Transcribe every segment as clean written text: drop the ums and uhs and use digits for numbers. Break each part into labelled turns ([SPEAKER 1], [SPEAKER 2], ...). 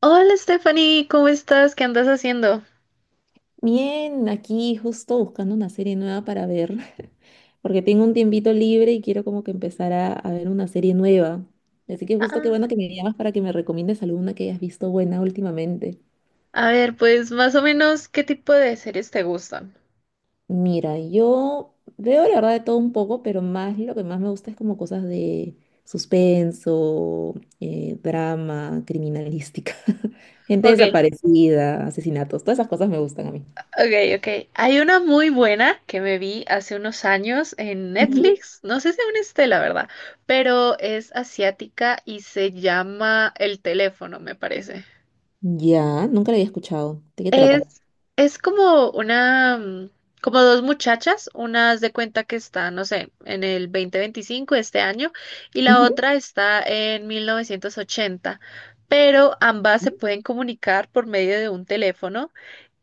[SPEAKER 1] Hola Stephanie, ¿cómo estás? ¿Qué andas haciendo?
[SPEAKER 2] Bien, aquí justo buscando una serie nueva para ver, porque tengo un tiempito libre y quiero como que empezar a ver una serie nueva. Así que justo qué
[SPEAKER 1] Ah,
[SPEAKER 2] bueno que me llamas para que me recomiendes alguna que hayas visto buena últimamente.
[SPEAKER 1] a ver, pues más o menos, ¿qué tipo de series te gustan?
[SPEAKER 2] Mira, yo veo la verdad de todo un poco, pero más lo que más me gusta es como cosas de suspenso, drama, criminalística, gente
[SPEAKER 1] Ok,
[SPEAKER 2] desaparecida, asesinatos, todas esas cosas me gustan a mí.
[SPEAKER 1] ok, ok. Hay una muy buena que me vi hace unos años en
[SPEAKER 2] Ujú.
[SPEAKER 1] Netflix. No sé si aún esté, la verdad, pero es asiática y se llama El teléfono, me parece.
[SPEAKER 2] Ya, nunca la había escuchado. ¿De qué trata?
[SPEAKER 1] Es, es como una, como dos muchachas, una haz de cuenta que está, no sé, en el 2025 de este año y la otra está en 1980, pero ambas se
[SPEAKER 2] Ujú.
[SPEAKER 1] pueden comunicar por medio de un teléfono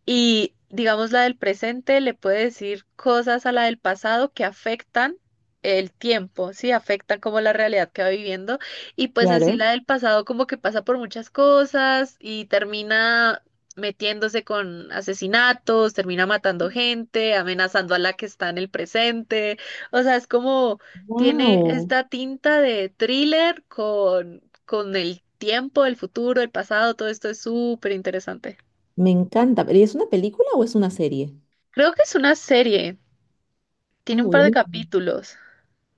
[SPEAKER 1] y digamos, la del presente le puede decir cosas a la del pasado que afectan el tiempo, sí, afectan como la realidad que va viviendo. Y pues en sí
[SPEAKER 2] Claro.
[SPEAKER 1] la del pasado como que pasa por muchas cosas y termina metiéndose con asesinatos, termina matando gente, amenazando a la que está en el presente. O sea, es como tiene
[SPEAKER 2] Wow,
[SPEAKER 1] esta tinta de thriller con el tiempo, el futuro, el pasado, todo esto es súper interesante.
[SPEAKER 2] me encanta. ¿Pero es una película o es una serie?
[SPEAKER 1] Creo que es una serie.
[SPEAKER 2] Ah,
[SPEAKER 1] Tiene un par de
[SPEAKER 2] buenísimo.
[SPEAKER 1] capítulos.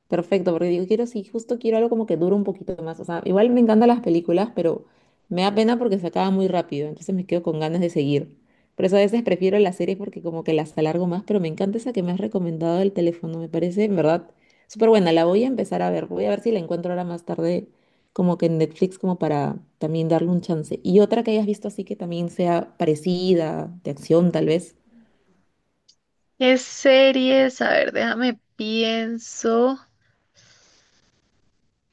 [SPEAKER 2] Perfecto, porque digo, quiero, sí, justo quiero algo como que dure un poquito más. O sea, igual me encantan las películas, pero me da pena porque se acaba muy rápido, entonces me quedo con ganas de seguir. Por eso a veces prefiero las series porque como que las alargo más, pero me encanta esa que me has recomendado del teléfono, me parece, en verdad, súper buena. La voy a empezar a ver, voy a ver si la encuentro ahora más tarde, como que en Netflix, como para también darle un chance. Y otra que hayas visto así que también sea parecida, de acción tal vez.
[SPEAKER 1] ¿Qué series? A ver, déjame pienso.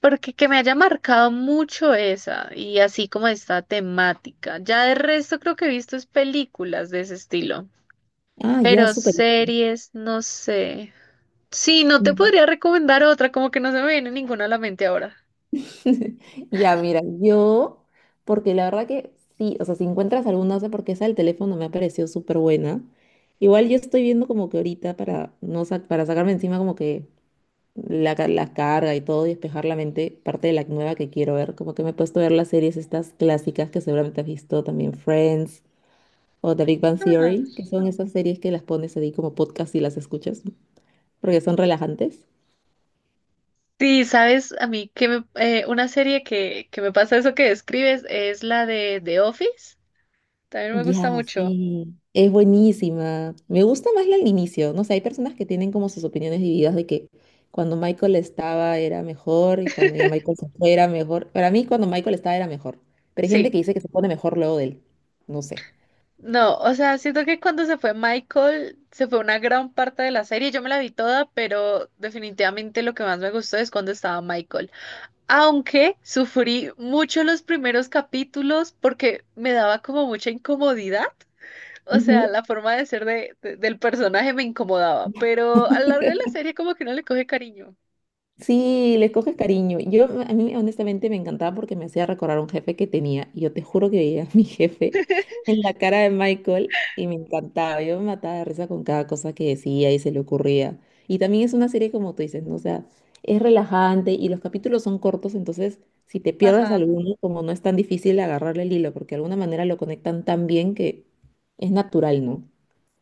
[SPEAKER 1] Porque que me haya marcado mucho esa y así como esta temática. Ya de resto creo que he visto es películas de ese estilo.
[SPEAKER 2] Ah, ya,
[SPEAKER 1] Pero
[SPEAKER 2] súper.
[SPEAKER 1] series, no sé. Sí, no te podría recomendar otra, como que no se me viene ninguna a la mente ahora.
[SPEAKER 2] Ya, mira, yo, porque la verdad que sí, o sea, si encuentras alguna, no sé por qué esa del teléfono me ha parecido súper buena. Igual yo estoy viendo como que ahorita para, no, para sacarme encima como que la, la carga y todo y despejar la mente, parte de la nueva que quiero ver, como que me he puesto a ver las series estas clásicas que seguramente has visto también, Friends o The Big Bang Theory,
[SPEAKER 1] Ah.
[SPEAKER 2] que son esas series que las pones ahí como podcast y las escuchas, porque son relajantes.
[SPEAKER 1] Sí, sabes, a mí que me- una serie que me pasa eso que describes es la de The Office. También me
[SPEAKER 2] Ya,
[SPEAKER 1] gusta mucho.
[SPEAKER 2] sí. Es buenísima. Me gusta más la al inicio. No sé, hay personas que tienen como sus opiniones divididas de que cuando Michael estaba era mejor y cuando ya Michael se fue era mejor. Para mí, cuando Michael estaba era mejor. Pero hay
[SPEAKER 1] Sí.
[SPEAKER 2] gente que dice que se pone mejor luego de él. No sé.
[SPEAKER 1] No, o sea, siento que cuando se fue Michael, se fue una gran parte de la serie. Yo me la vi toda, pero definitivamente lo que más me gustó es cuando estaba Michael. Aunque sufrí mucho los primeros capítulos porque me daba como mucha incomodidad. O sea, la forma de ser del personaje me incomodaba, pero a lo largo de la serie como que no le coge cariño.
[SPEAKER 2] Sí, les coges cariño. Yo, a mí honestamente me encantaba porque me hacía recordar a un jefe que tenía. Y yo te juro que veía a mi jefe en la cara de Michael y me encantaba. Yo me mataba de risa con cada cosa que decía y se le ocurría. Y también es una serie como tú dices, ¿no? O sea, es relajante y los capítulos son cortos, entonces si te pierdes
[SPEAKER 1] Ajá.
[SPEAKER 2] alguno, como no es tan difícil agarrarle el hilo, porque de alguna manera lo conectan tan bien que es natural, ¿no?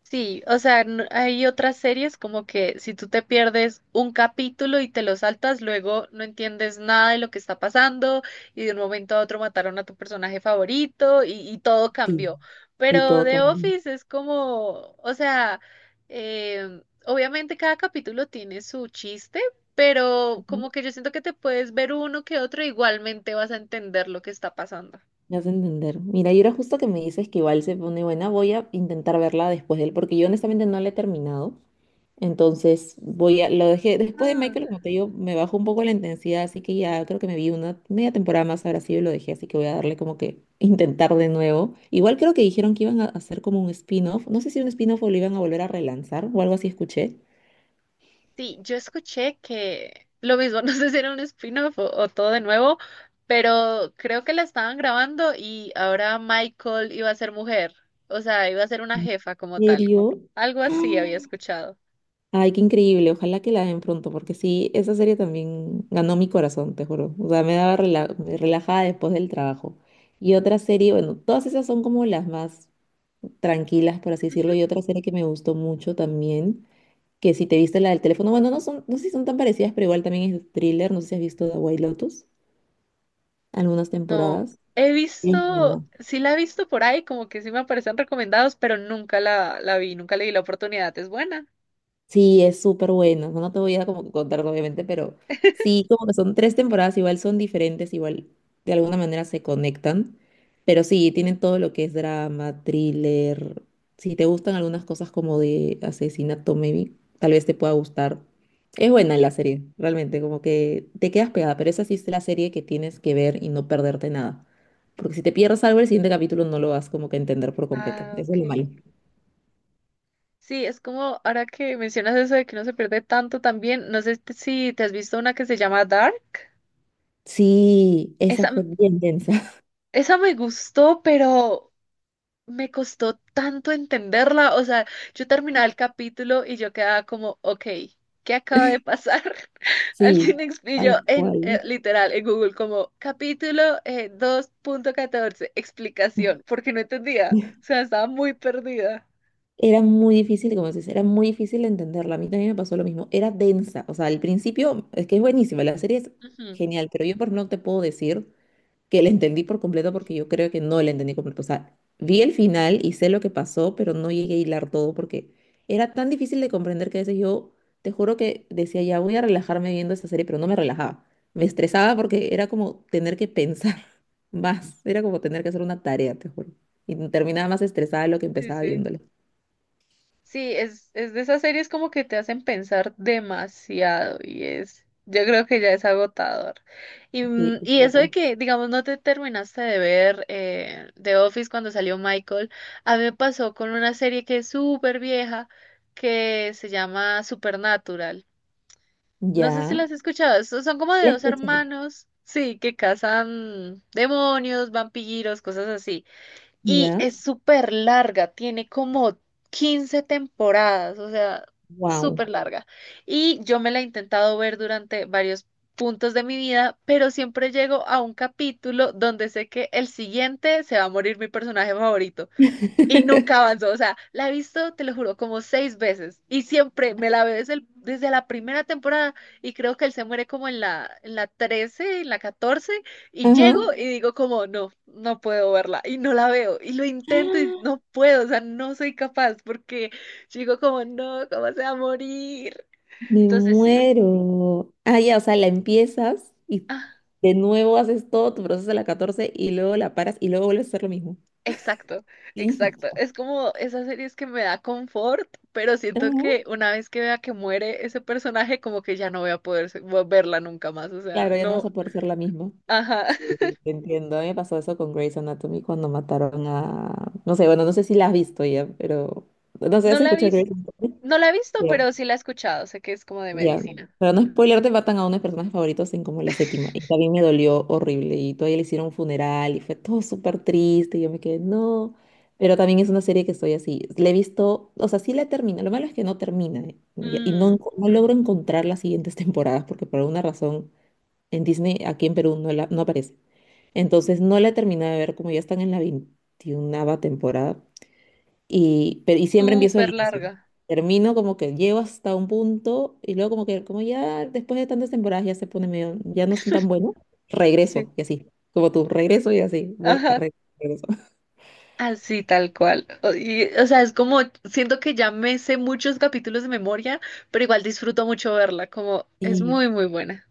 [SPEAKER 1] Hay otras series como que si tú te pierdes un capítulo y te lo saltas, luego no entiendes nada de lo que está pasando y de un momento a otro mataron a tu personaje favorito y todo
[SPEAKER 2] Sí.
[SPEAKER 1] cambió.
[SPEAKER 2] Y
[SPEAKER 1] Pero
[SPEAKER 2] todo
[SPEAKER 1] The
[SPEAKER 2] también.
[SPEAKER 1] Office es como, o sea, obviamente cada capítulo tiene su chiste, pero como que yo siento que te puedes ver uno que otro, igualmente vas a entender lo que está pasando.
[SPEAKER 2] Me hace entender. Mira, y ahora justo que me dices que igual se pone buena, voy a intentar verla después de él, porque yo honestamente no la he terminado. Entonces, voy a, lo dejé, después de Michael, como te digo, me bajó un poco la intensidad, así que ya creo que me vi una media temporada más ahora sí y lo dejé, así que voy a darle como que intentar de nuevo. Igual creo que dijeron que iban a hacer como un spin-off, no sé si un spin-off o lo iban a volver a relanzar o algo así escuché.
[SPEAKER 1] Sí, yo escuché que lo mismo, no sé si era un spin-off o todo de nuevo, pero creo que la estaban grabando y ahora Michael iba a ser mujer, o sea, iba a ser una jefa como
[SPEAKER 2] ¿En
[SPEAKER 1] tal.
[SPEAKER 2] serio?
[SPEAKER 1] Algo así había escuchado.
[SPEAKER 2] Ay, qué increíble. Ojalá que la den pronto, porque sí, esa serie también ganó mi corazón, te juro. O sea, me daba relajada después del trabajo. Y otra serie, bueno, todas esas son como las más tranquilas, por así decirlo.
[SPEAKER 1] Ujú.
[SPEAKER 2] Y otra serie que me gustó mucho también, que si te viste la del teléfono, bueno, no son, no sé si son tan parecidas, pero igual también es thriller. No sé si has visto The White Lotus, algunas
[SPEAKER 1] No,
[SPEAKER 2] temporadas.
[SPEAKER 1] he
[SPEAKER 2] Sí.
[SPEAKER 1] visto, sí la he visto por ahí, como que sí me aparecen recomendados, pero nunca la vi, nunca le di la oportunidad. Es buena.
[SPEAKER 2] Sí, es súper bueno. No te voy a como que contar, obviamente, pero sí, como que son tres temporadas, igual son diferentes, igual de alguna manera se conectan. Pero sí, tienen todo lo que es drama, thriller. Si te gustan algunas cosas como de asesinato, maybe, tal vez te pueda gustar. Es buena la serie, realmente, como que te quedas pegada, pero esa sí es la serie que tienes que ver y no perderte nada. Porque si te pierdes algo, el siguiente capítulo no lo vas como que a entender por completo.
[SPEAKER 1] Ah,
[SPEAKER 2] Eso es lo malo.
[SPEAKER 1] ok. Sí, es como ahora que mencionas eso de que no se pierde tanto también, no sé si te has visto una que se llama Dark.
[SPEAKER 2] Sí, esa
[SPEAKER 1] Esa,
[SPEAKER 2] fue bien densa.
[SPEAKER 1] Esa me gustó, pero me costó tanto entenderla. O sea, yo terminaba el capítulo y yo quedaba como, ok, ¿qué acaba de pasar?
[SPEAKER 2] Sí,
[SPEAKER 1] Alguien explicó
[SPEAKER 2] tal
[SPEAKER 1] en,
[SPEAKER 2] cual.
[SPEAKER 1] literal, en Google, como capítulo 2.14 explicación, porque no entendía. O sea, estaba muy perdida.
[SPEAKER 2] Era muy difícil, como dices, era muy difícil entenderla. A mí también me pasó lo mismo. Era densa. O sea, al principio es que es buenísima, la serie es
[SPEAKER 1] Ujú.
[SPEAKER 2] genial, pero yo por no te puedo decir que la entendí por completo porque yo creo que no la entendí completo. O sea, vi el final y sé lo que pasó, pero no llegué a hilar todo porque era tan difícil de comprender que a veces yo, te juro que decía, ya voy a relajarme viendo esta serie, pero no me relajaba. Me estresaba porque era como tener que pensar más, era como tener que hacer una tarea, te juro. Y terminaba más estresada de lo que
[SPEAKER 1] Sí,
[SPEAKER 2] empezaba
[SPEAKER 1] sí.
[SPEAKER 2] viéndola.
[SPEAKER 1] Sí, es de esas series como que te hacen pensar demasiado y es, yo creo que ya es agotador. Y,
[SPEAKER 2] Sí, y
[SPEAKER 1] y
[SPEAKER 2] todo
[SPEAKER 1] eso de
[SPEAKER 2] tal.
[SPEAKER 1] que, digamos, no te terminaste de ver The Office cuando salió Michael, a mí me pasó con una serie que es súper vieja que se llama Supernatural. No sé si
[SPEAKER 2] Ya.
[SPEAKER 1] las has escuchado, son como de
[SPEAKER 2] La
[SPEAKER 1] dos
[SPEAKER 2] escuché.
[SPEAKER 1] hermanos, sí, que cazan demonios, vampiros, cosas así. Y
[SPEAKER 2] Ya.
[SPEAKER 1] es súper larga, tiene como 15 temporadas, o sea,
[SPEAKER 2] Wow.
[SPEAKER 1] súper larga. Y yo me la he intentado ver durante varios puntos de mi vida, pero siempre llego a un capítulo donde sé que el siguiente se va a morir mi personaje favorito. Y nunca avanzó, o sea, la he visto, te lo juro, como 6 veces y siempre me la veo desde la primera temporada y creo que él se muere como en la 13 en la 14 y
[SPEAKER 2] Ajá.
[SPEAKER 1] llego y digo como, no, no puedo verla y no la veo y lo intento y no puedo, o sea, no soy capaz porque digo como, no, ¿cómo se va a morir?
[SPEAKER 2] Me
[SPEAKER 1] Entonces sí.
[SPEAKER 2] muero. Ah, ya, o sea, la empiezas y
[SPEAKER 1] Ah.
[SPEAKER 2] de nuevo haces todo tu proceso de la 14 y luego la paras y luego vuelves a hacer lo mismo.
[SPEAKER 1] Exacto,
[SPEAKER 2] Sí,
[SPEAKER 1] exacto. Es como esas series que me da confort, pero siento
[SPEAKER 2] Ujú.
[SPEAKER 1] que una vez que vea que muere ese personaje, como que ya no voy a poder verla nunca más. O sea,
[SPEAKER 2] Claro, ya no vas
[SPEAKER 1] no,
[SPEAKER 2] a poder ser la misma.
[SPEAKER 1] ajá.
[SPEAKER 2] Sí, te entiendo. A mí me pasó eso con Grey's Anatomy cuando mataron a, no sé, bueno, no sé si la has visto ya, pero, no sé,
[SPEAKER 1] No
[SPEAKER 2] ¿has
[SPEAKER 1] la he
[SPEAKER 2] escuchado
[SPEAKER 1] visto,
[SPEAKER 2] Grey's Anatomy?
[SPEAKER 1] no la he visto, pero sí la he escuchado. Sé que es como de
[SPEAKER 2] Ya,
[SPEAKER 1] medicina.
[SPEAKER 2] para no spoilearte, matan a uno de mis personajes favoritos en como la séptima. Y también me dolió horrible. Y todavía le hicieron un funeral y fue todo súper triste. Y yo me quedé, no. Pero también es una serie que estoy así. Le he visto, o sea, sí la termina. Lo malo es que no termina. Y no,
[SPEAKER 1] Mmm,
[SPEAKER 2] no logro encontrar las siguientes temporadas porque por alguna razón en Disney, aquí en Perú, no, la, no aparece. Entonces no la he terminado de ver como ya están en la 21 temporada. Y, pero, y siempre empiezo del
[SPEAKER 1] súper
[SPEAKER 2] inicio.
[SPEAKER 1] larga.
[SPEAKER 2] Termino como que llego hasta un punto y luego como que como ya después de tantas temporadas ya se pone medio, ya no están tan bueno,
[SPEAKER 1] Sí.
[SPEAKER 2] regreso y así, como tú, regreso y así, voy a
[SPEAKER 1] Ajá.
[SPEAKER 2] regreso.
[SPEAKER 1] Así tal cual. O sea, es como, siento que ya me sé muchos capítulos de memoria, pero igual disfruto mucho verla, como es
[SPEAKER 2] Y,
[SPEAKER 1] muy, muy buena.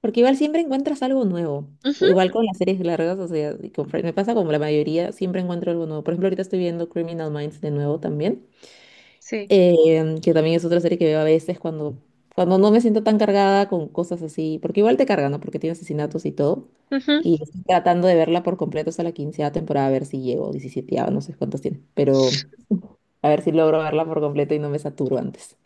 [SPEAKER 2] porque igual siempre encuentras algo nuevo.
[SPEAKER 1] Ujú.
[SPEAKER 2] Igual con las series largas, o sea, y con Friends, me pasa como la mayoría, siempre encuentro algo nuevo. Por ejemplo, ahorita estoy viendo Criminal Minds de nuevo también.
[SPEAKER 1] Sí.
[SPEAKER 2] Que también es otra serie que veo a veces cuando no me siento tan cargada con cosas así, porque igual te cargan, ¿no? Porque tiene asesinatos y todo.
[SPEAKER 1] Ujú.
[SPEAKER 2] Y estoy tratando de verla por completo hasta la quinceava temporada, a ver si llego, 17 no sé cuántos tiene, pero a ver si logro verla por completo y no me saturo antes.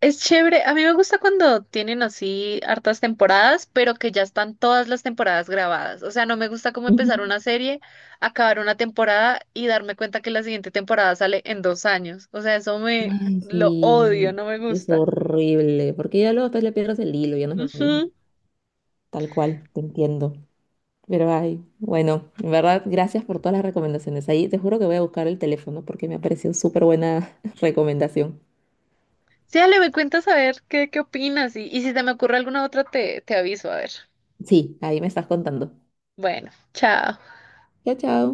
[SPEAKER 1] Es chévere, a mí me gusta cuando tienen así hartas temporadas, pero que ya están todas las temporadas grabadas. O sea, no me gusta como
[SPEAKER 2] Ujú.
[SPEAKER 1] empezar una serie, acabar una temporada y darme cuenta que la siguiente temporada sale en 2 años. O sea, eso me
[SPEAKER 2] Ay,
[SPEAKER 1] lo odio,
[SPEAKER 2] sí,
[SPEAKER 1] no me
[SPEAKER 2] es
[SPEAKER 1] gusta.
[SPEAKER 2] horrible, porque ya luego después le pierdes el hilo, ya no es lo mismo.
[SPEAKER 1] Ujú.
[SPEAKER 2] Tal cual, te entiendo. Pero ay, bueno, en verdad, gracias por todas las recomendaciones. Ahí te juro que voy a buscar el teléfono porque me ha parecido súper buena recomendación.
[SPEAKER 1] Sí, dale, me cuentas a ver qué opinas y si te me ocurre alguna otra te aviso, a ver.
[SPEAKER 2] Sí, ahí me estás contando.
[SPEAKER 1] Bueno, chao.
[SPEAKER 2] Chao, chao.